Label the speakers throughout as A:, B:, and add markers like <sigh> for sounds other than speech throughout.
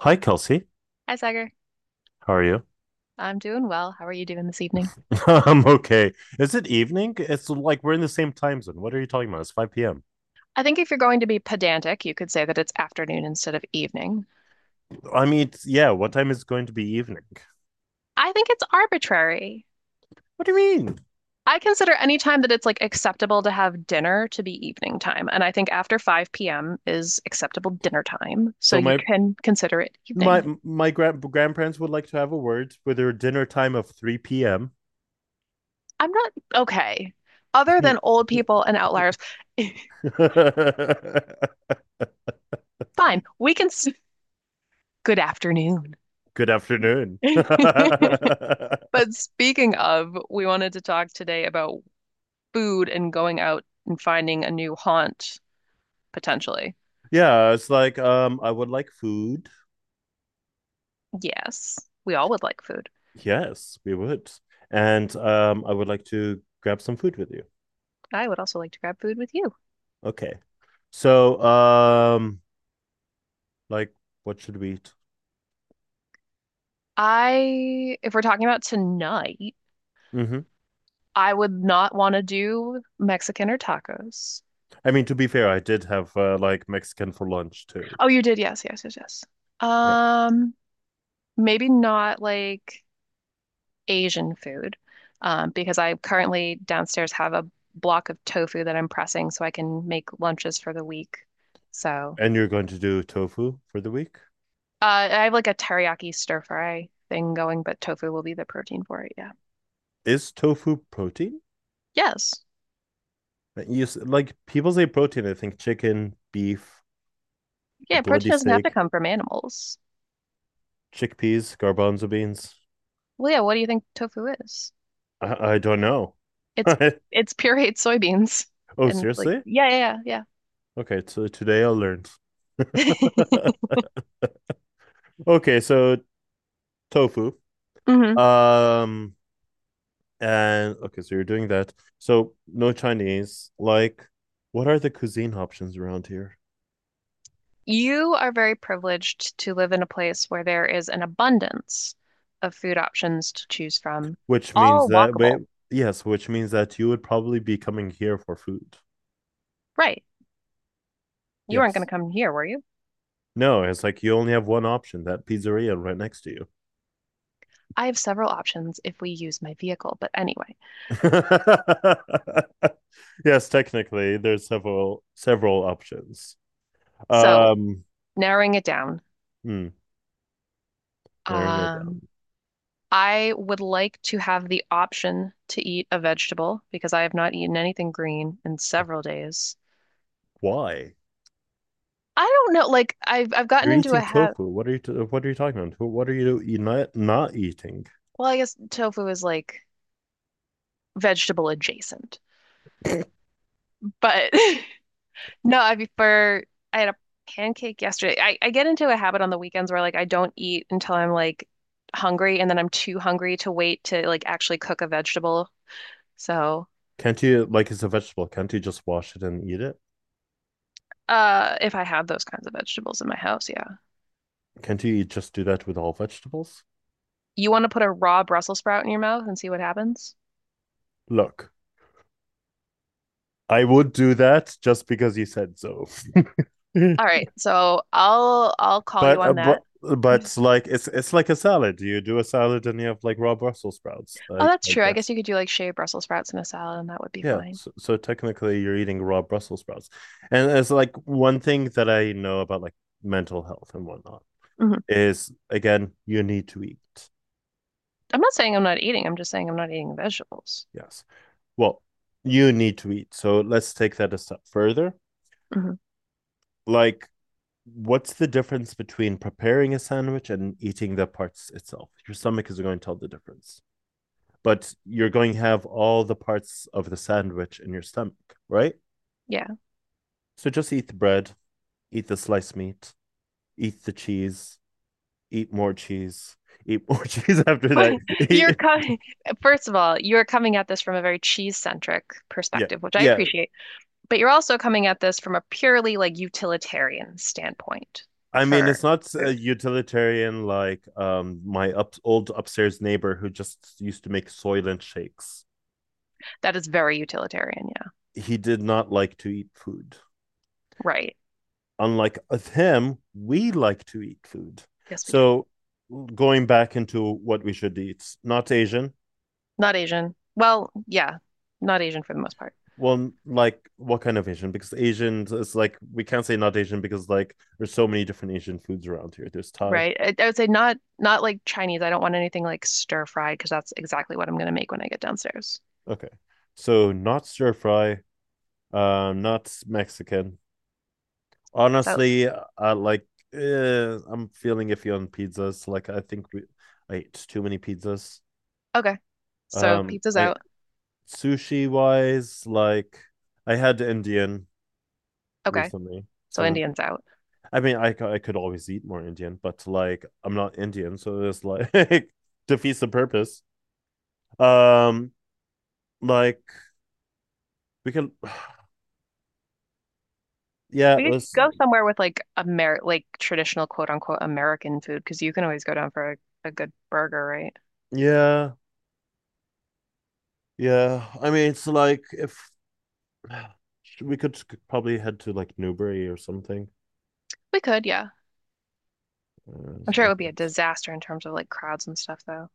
A: Hi, Kelsey.
B: Hi, Sagar.
A: How are you?
B: I'm doing well. How are you doing this evening?
A: <laughs> I'm okay. Is it evening? It's like we're in the same time zone. What are you talking about? It's 5 p.m.
B: I think if you're going to be pedantic, you could say that it's afternoon instead of evening.
A: Yeah, what time is it going to be evening?
B: I think it's arbitrary.
A: What do you mean?
B: I consider any time that it's like acceptable to have dinner to be evening time, and I think after 5 p.m. is acceptable dinner time, so
A: So
B: you
A: my
B: can consider it
A: my
B: evening.
A: my grand grandparents would like to have a word with their dinner time of 3 p.m.
B: I'm not okay. Other than
A: <laughs>
B: old people and outliers,
A: Good
B: <laughs> fine. Good afternoon.
A: afternoon.
B: <laughs>
A: <laughs>
B: But speaking of, we wanted to talk today about food and going out and finding a new haunt potentially.
A: Yeah, it's like I would like food.
B: Yes, we all would like food.
A: Yes, we would. And I would like to grab some food with you.
B: I would also like to grab food with you.
A: Okay. So, like, what should we eat?
B: I, if we're talking about tonight,
A: Hmm
B: I would not want to do Mexican or tacos.
A: I mean, to be fair, I did have like Mexican for lunch too.
B: Oh, you did. Yes, yes, yes, yes.
A: Yeah.
B: Um, Maybe not like Asian food, because I currently downstairs have a block of tofu that I'm pressing so I can make lunches for the week. So
A: And you're going to do tofu for the week?
B: I have like a teriyaki stir fry thing going, but tofu will be the protein for it. Yeah.
A: Is tofu protein?
B: Yes.
A: Like people say protein, I think chicken, beef, a
B: Yeah,
A: bloody
B: protein doesn't have to
A: steak,
B: come from animals.
A: chickpeas, garbanzo beans.
B: Well, yeah, what do you think tofu is?
A: I don't know.
B: It's
A: <laughs>
B: it's pureed <laughs> soybeans
A: Oh,
B: and like
A: seriously?
B: yeah, yeah, yeah.
A: Okay, so today I learned.
B: Yeah.
A: <laughs> Okay, so tofu.
B: <laughs> Hmm.
A: Um, And okay, so you're doing that. So no Chinese. Like, what are the cuisine options around here?
B: You are very privileged to live in a place where there is an abundance of food options to choose from,
A: Which means
B: all
A: that wait,
B: walkable.
A: Yes, which means that you would probably be coming here for food.
B: Right. You weren't going
A: Yes.
B: to come here, were you?
A: No, it's like you only have one option, that pizzeria right next to you.
B: I have several options if we use my vehicle, but anyway.
A: <laughs> Yes, technically, there's several options.
B: So,
A: Um,
B: narrowing it down,
A: hmm, Narrowing it
B: Um,
A: down.
B: I would like to have the option to eat a vegetable because I have not eaten anything green in several days.
A: Why?
B: I don't know, like I've gotten
A: You're
B: into a
A: eating
B: habit.
A: tofu. What are you talking about? What are you, not eating?
B: Well, I guess tofu is like vegetable adjacent, but <laughs> no, I prefer. I had a pancake yesterday. I get into a habit on the weekends where like I don't eat until I'm like hungry, and then I'm too hungry to wait to like actually cook a vegetable. So,
A: Can't you like It's a vegetable. Can't you just wash it and eat it?
B: if I had those kinds of vegetables in my house, yeah.
A: Can't you just do that with all vegetables?
B: You want to put a raw Brussels sprout in your mouth and see what happens?
A: Look, I would do that just because you said so.
B: All
A: <laughs>
B: right, so I'll call you
A: but uh,
B: on
A: but
B: that.
A: but it's like a salad. You do a salad and you have like raw Brussels sprouts.
B: Oh,
A: I
B: that's
A: I
B: true. I guess
A: guess.
B: you could do like shaved Brussels sprouts in a salad, and that would be
A: Yeah,
B: fine.
A: so, so technically you're eating raw Brussels sprouts. And it's like one thing that I know about like mental health and whatnot
B: Hmm.
A: is, again, you need to eat.
B: I'm not saying I'm not eating. I'm just saying I'm not eating vegetables.
A: Yes. Well, you need to eat. So let's take that a step further.
B: Hmm.
A: Like, what's the difference between preparing a sandwich and eating the parts itself? Your stomach is going to tell the difference, but you're going to have all the parts of the sandwich in your stomach, right?
B: Yeah.
A: So just eat the bread, eat the sliced meat, eat the cheese, eat more <laughs> cheese after
B: <laughs> You're
A: that.
B: coming, first of all, you're coming at this from a very cheese-centric
A: <laughs> Yeah.
B: perspective, which I
A: Yeah.
B: appreciate, but you're also coming at this from a purely like utilitarian standpoint
A: I mean, it's
B: for
A: not uh,
B: food.
A: utilitarian like my old upstairs neighbor who just used to make Soylent shakes.
B: That is very utilitarian. Yeah.
A: He did not like to eat food.
B: Right.
A: Unlike him, we like to eat food.
B: Yes, we do.
A: So, going back into what we should eat, not Asian.
B: Not Asian. Well, yeah, not Asian for the most part,
A: Well, like what kind of Asian? Because Asian is like we can't say not Asian because like there's so many different Asian foods around here. There's Thai.
B: right? I would say not like Chinese. I don't want anything like stir fried because that's exactly what I'm gonna make when I get downstairs.
A: Okay, so not stir fry. Not Mexican
B: So
A: honestly, I'm feeling iffy on pizzas. Like I think we I ate too many pizzas.
B: okay, so pizza's
A: I
B: out.
A: Sushi wise, like I had Indian
B: Okay,
A: recently,
B: so
A: so
B: Indian's out.
A: I mean I could always eat more Indian, but like I'm not Indian, so it's like <laughs> defeats the purpose. Um, like we can, <sighs> yeah, it
B: We could
A: was
B: go somewhere with like Amer like traditional quote unquote American food because you can always go down for a good burger, right?
A: yeah, yeah. I mean it's like if <sighs> we could probably head to like Newbury or something.
B: We could, yeah.
A: Uh,
B: I'm
A: It's
B: sure it
A: like
B: would be a
A: it's-
B: disaster in terms of like crowds and stuff though.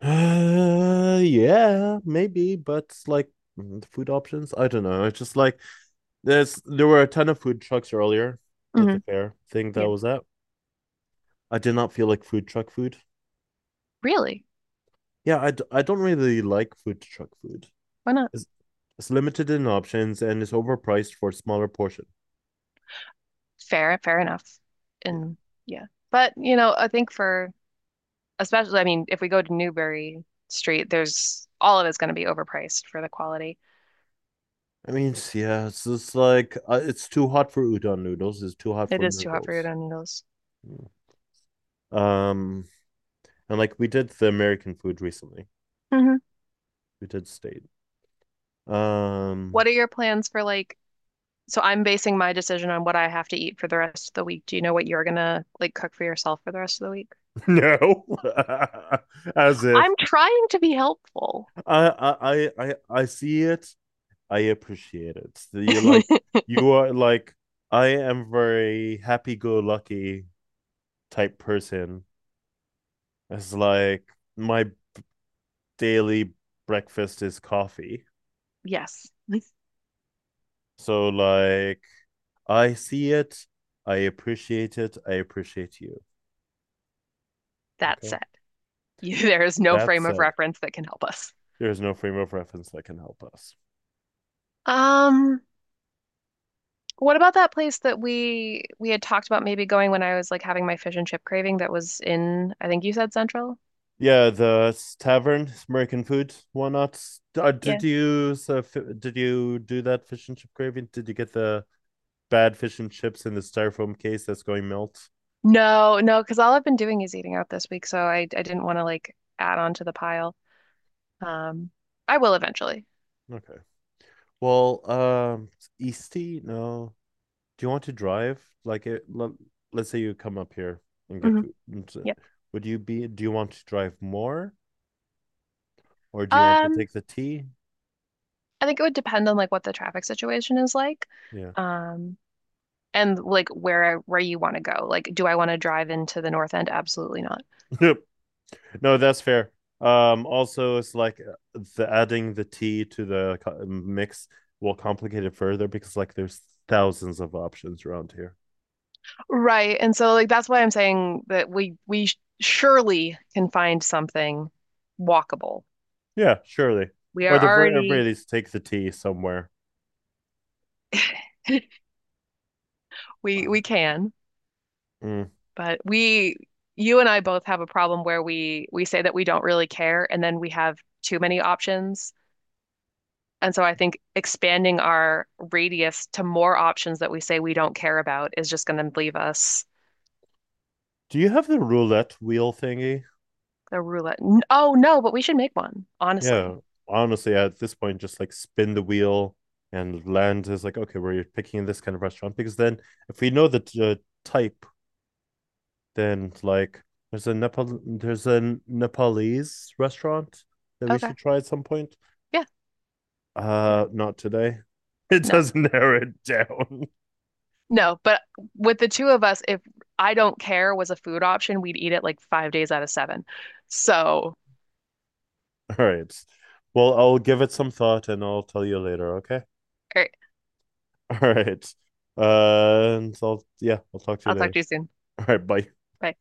A: Yeah, maybe, but like mm, the food options, I don't know. It's just like there were a ton of food trucks earlier at the
B: Hmm.
A: fair thing that I
B: Yeah,
A: was at. I did not feel like food truck food.
B: really?
A: I don't really like food truck food.
B: Why not?
A: It's, it's limited in options and it's overpriced for a smaller portion.
B: Fair, fair enough.
A: Yeah,
B: And yeah. But, you know, I think for especially, I mean, if we go to Newberry Street, there's all of it's going to be overpriced for the quality.
A: yeah, it's just like it's too hot for udon noodles. It's too hot
B: It
A: for
B: is too hot for your
A: noodles.
B: own needles.
A: Mm. Um, and like we did the American food recently.
B: Hmm.
A: We did state. Um,
B: What are your plans for like, so I'm basing my decision on what I have to eat for the rest of the week. Do you know what you're gonna like cook for yourself for the rest of the week?
A: no, <laughs> as if
B: I'm trying to be helpful.
A: I see it. I appreciate it. You like you are like I am very happy-go-lucky type person. It's like my daily breakfast is coffee.
B: Yes. <laughs>
A: So like I see it, I appreciate you.
B: That
A: Okay.
B: said, you, there is no
A: That
B: frame of
A: said,
B: reference that can help us.
A: there is no frame of reference that can help us.
B: Um, What about that place that we had talked about maybe going when I was like having my fish and chip craving that was in, I think you said Central?
A: Yeah, the tavern, American food, why not?
B: Yeah.
A: Did you do that fish and chip gravy? Did you get the bad fish and chips in the styrofoam case that's going melt?
B: No, no, because all I've been doing is eating out this week, so I didn't want to like add on to the pile. Um, I will eventually.
A: Okay. Well, Eastie, no. Do you want to drive? Let's say you come up here and get
B: Hmm.
A: food.
B: Yep.
A: Would you be? Do you want to drive more, or do you want to
B: Um,
A: take the T?
B: I think it would depend on like what the traffic situation is like,
A: Yeah.
B: um, and like where I, where you want to go. Like, do I want to drive into the North End? Absolutely not.
A: <laughs> No, that's fair. Also, it's like the adding the tea to the mix will complicate it further because like there's thousands of options around here.
B: Right. And so like that's why I'm saying that surely can find something walkable.
A: Yeah, surely.
B: We
A: Or
B: are
A: the ver- at very
B: already
A: least take the tea somewhere.
B: <laughs>
A: Uh,
B: we can,
A: Mm.
B: but we you and I both have a problem where we say that we don't really care and then we have too many options. And so I think expanding our radius to more options that we say we don't care about is just going to leave us
A: Do you have the roulette wheel thingy?
B: a roulette. Oh no, but we should make one,
A: Yeah.
B: honestly.
A: Honestly, at this point, just like spin the wheel and land is like okay, we're picking this kind of restaurant because then if we know the type then like there's a Nepalese restaurant that we
B: Okay.
A: should try at some point.
B: Yeah. Yeah.
A: Uh, not today. <laughs> It
B: No.
A: does narrow it down.
B: No, but with the two of us, if I don't care was a food option, we'd eat it like 5 days out of seven. So, all
A: <laughs> All right. Well, I'll give it some thought and I'll tell you later, okay?
B: right,
A: <laughs> All right. Yeah, I'll talk to you
B: I'll talk
A: later.
B: to you soon.
A: All right, bye.
B: Bye.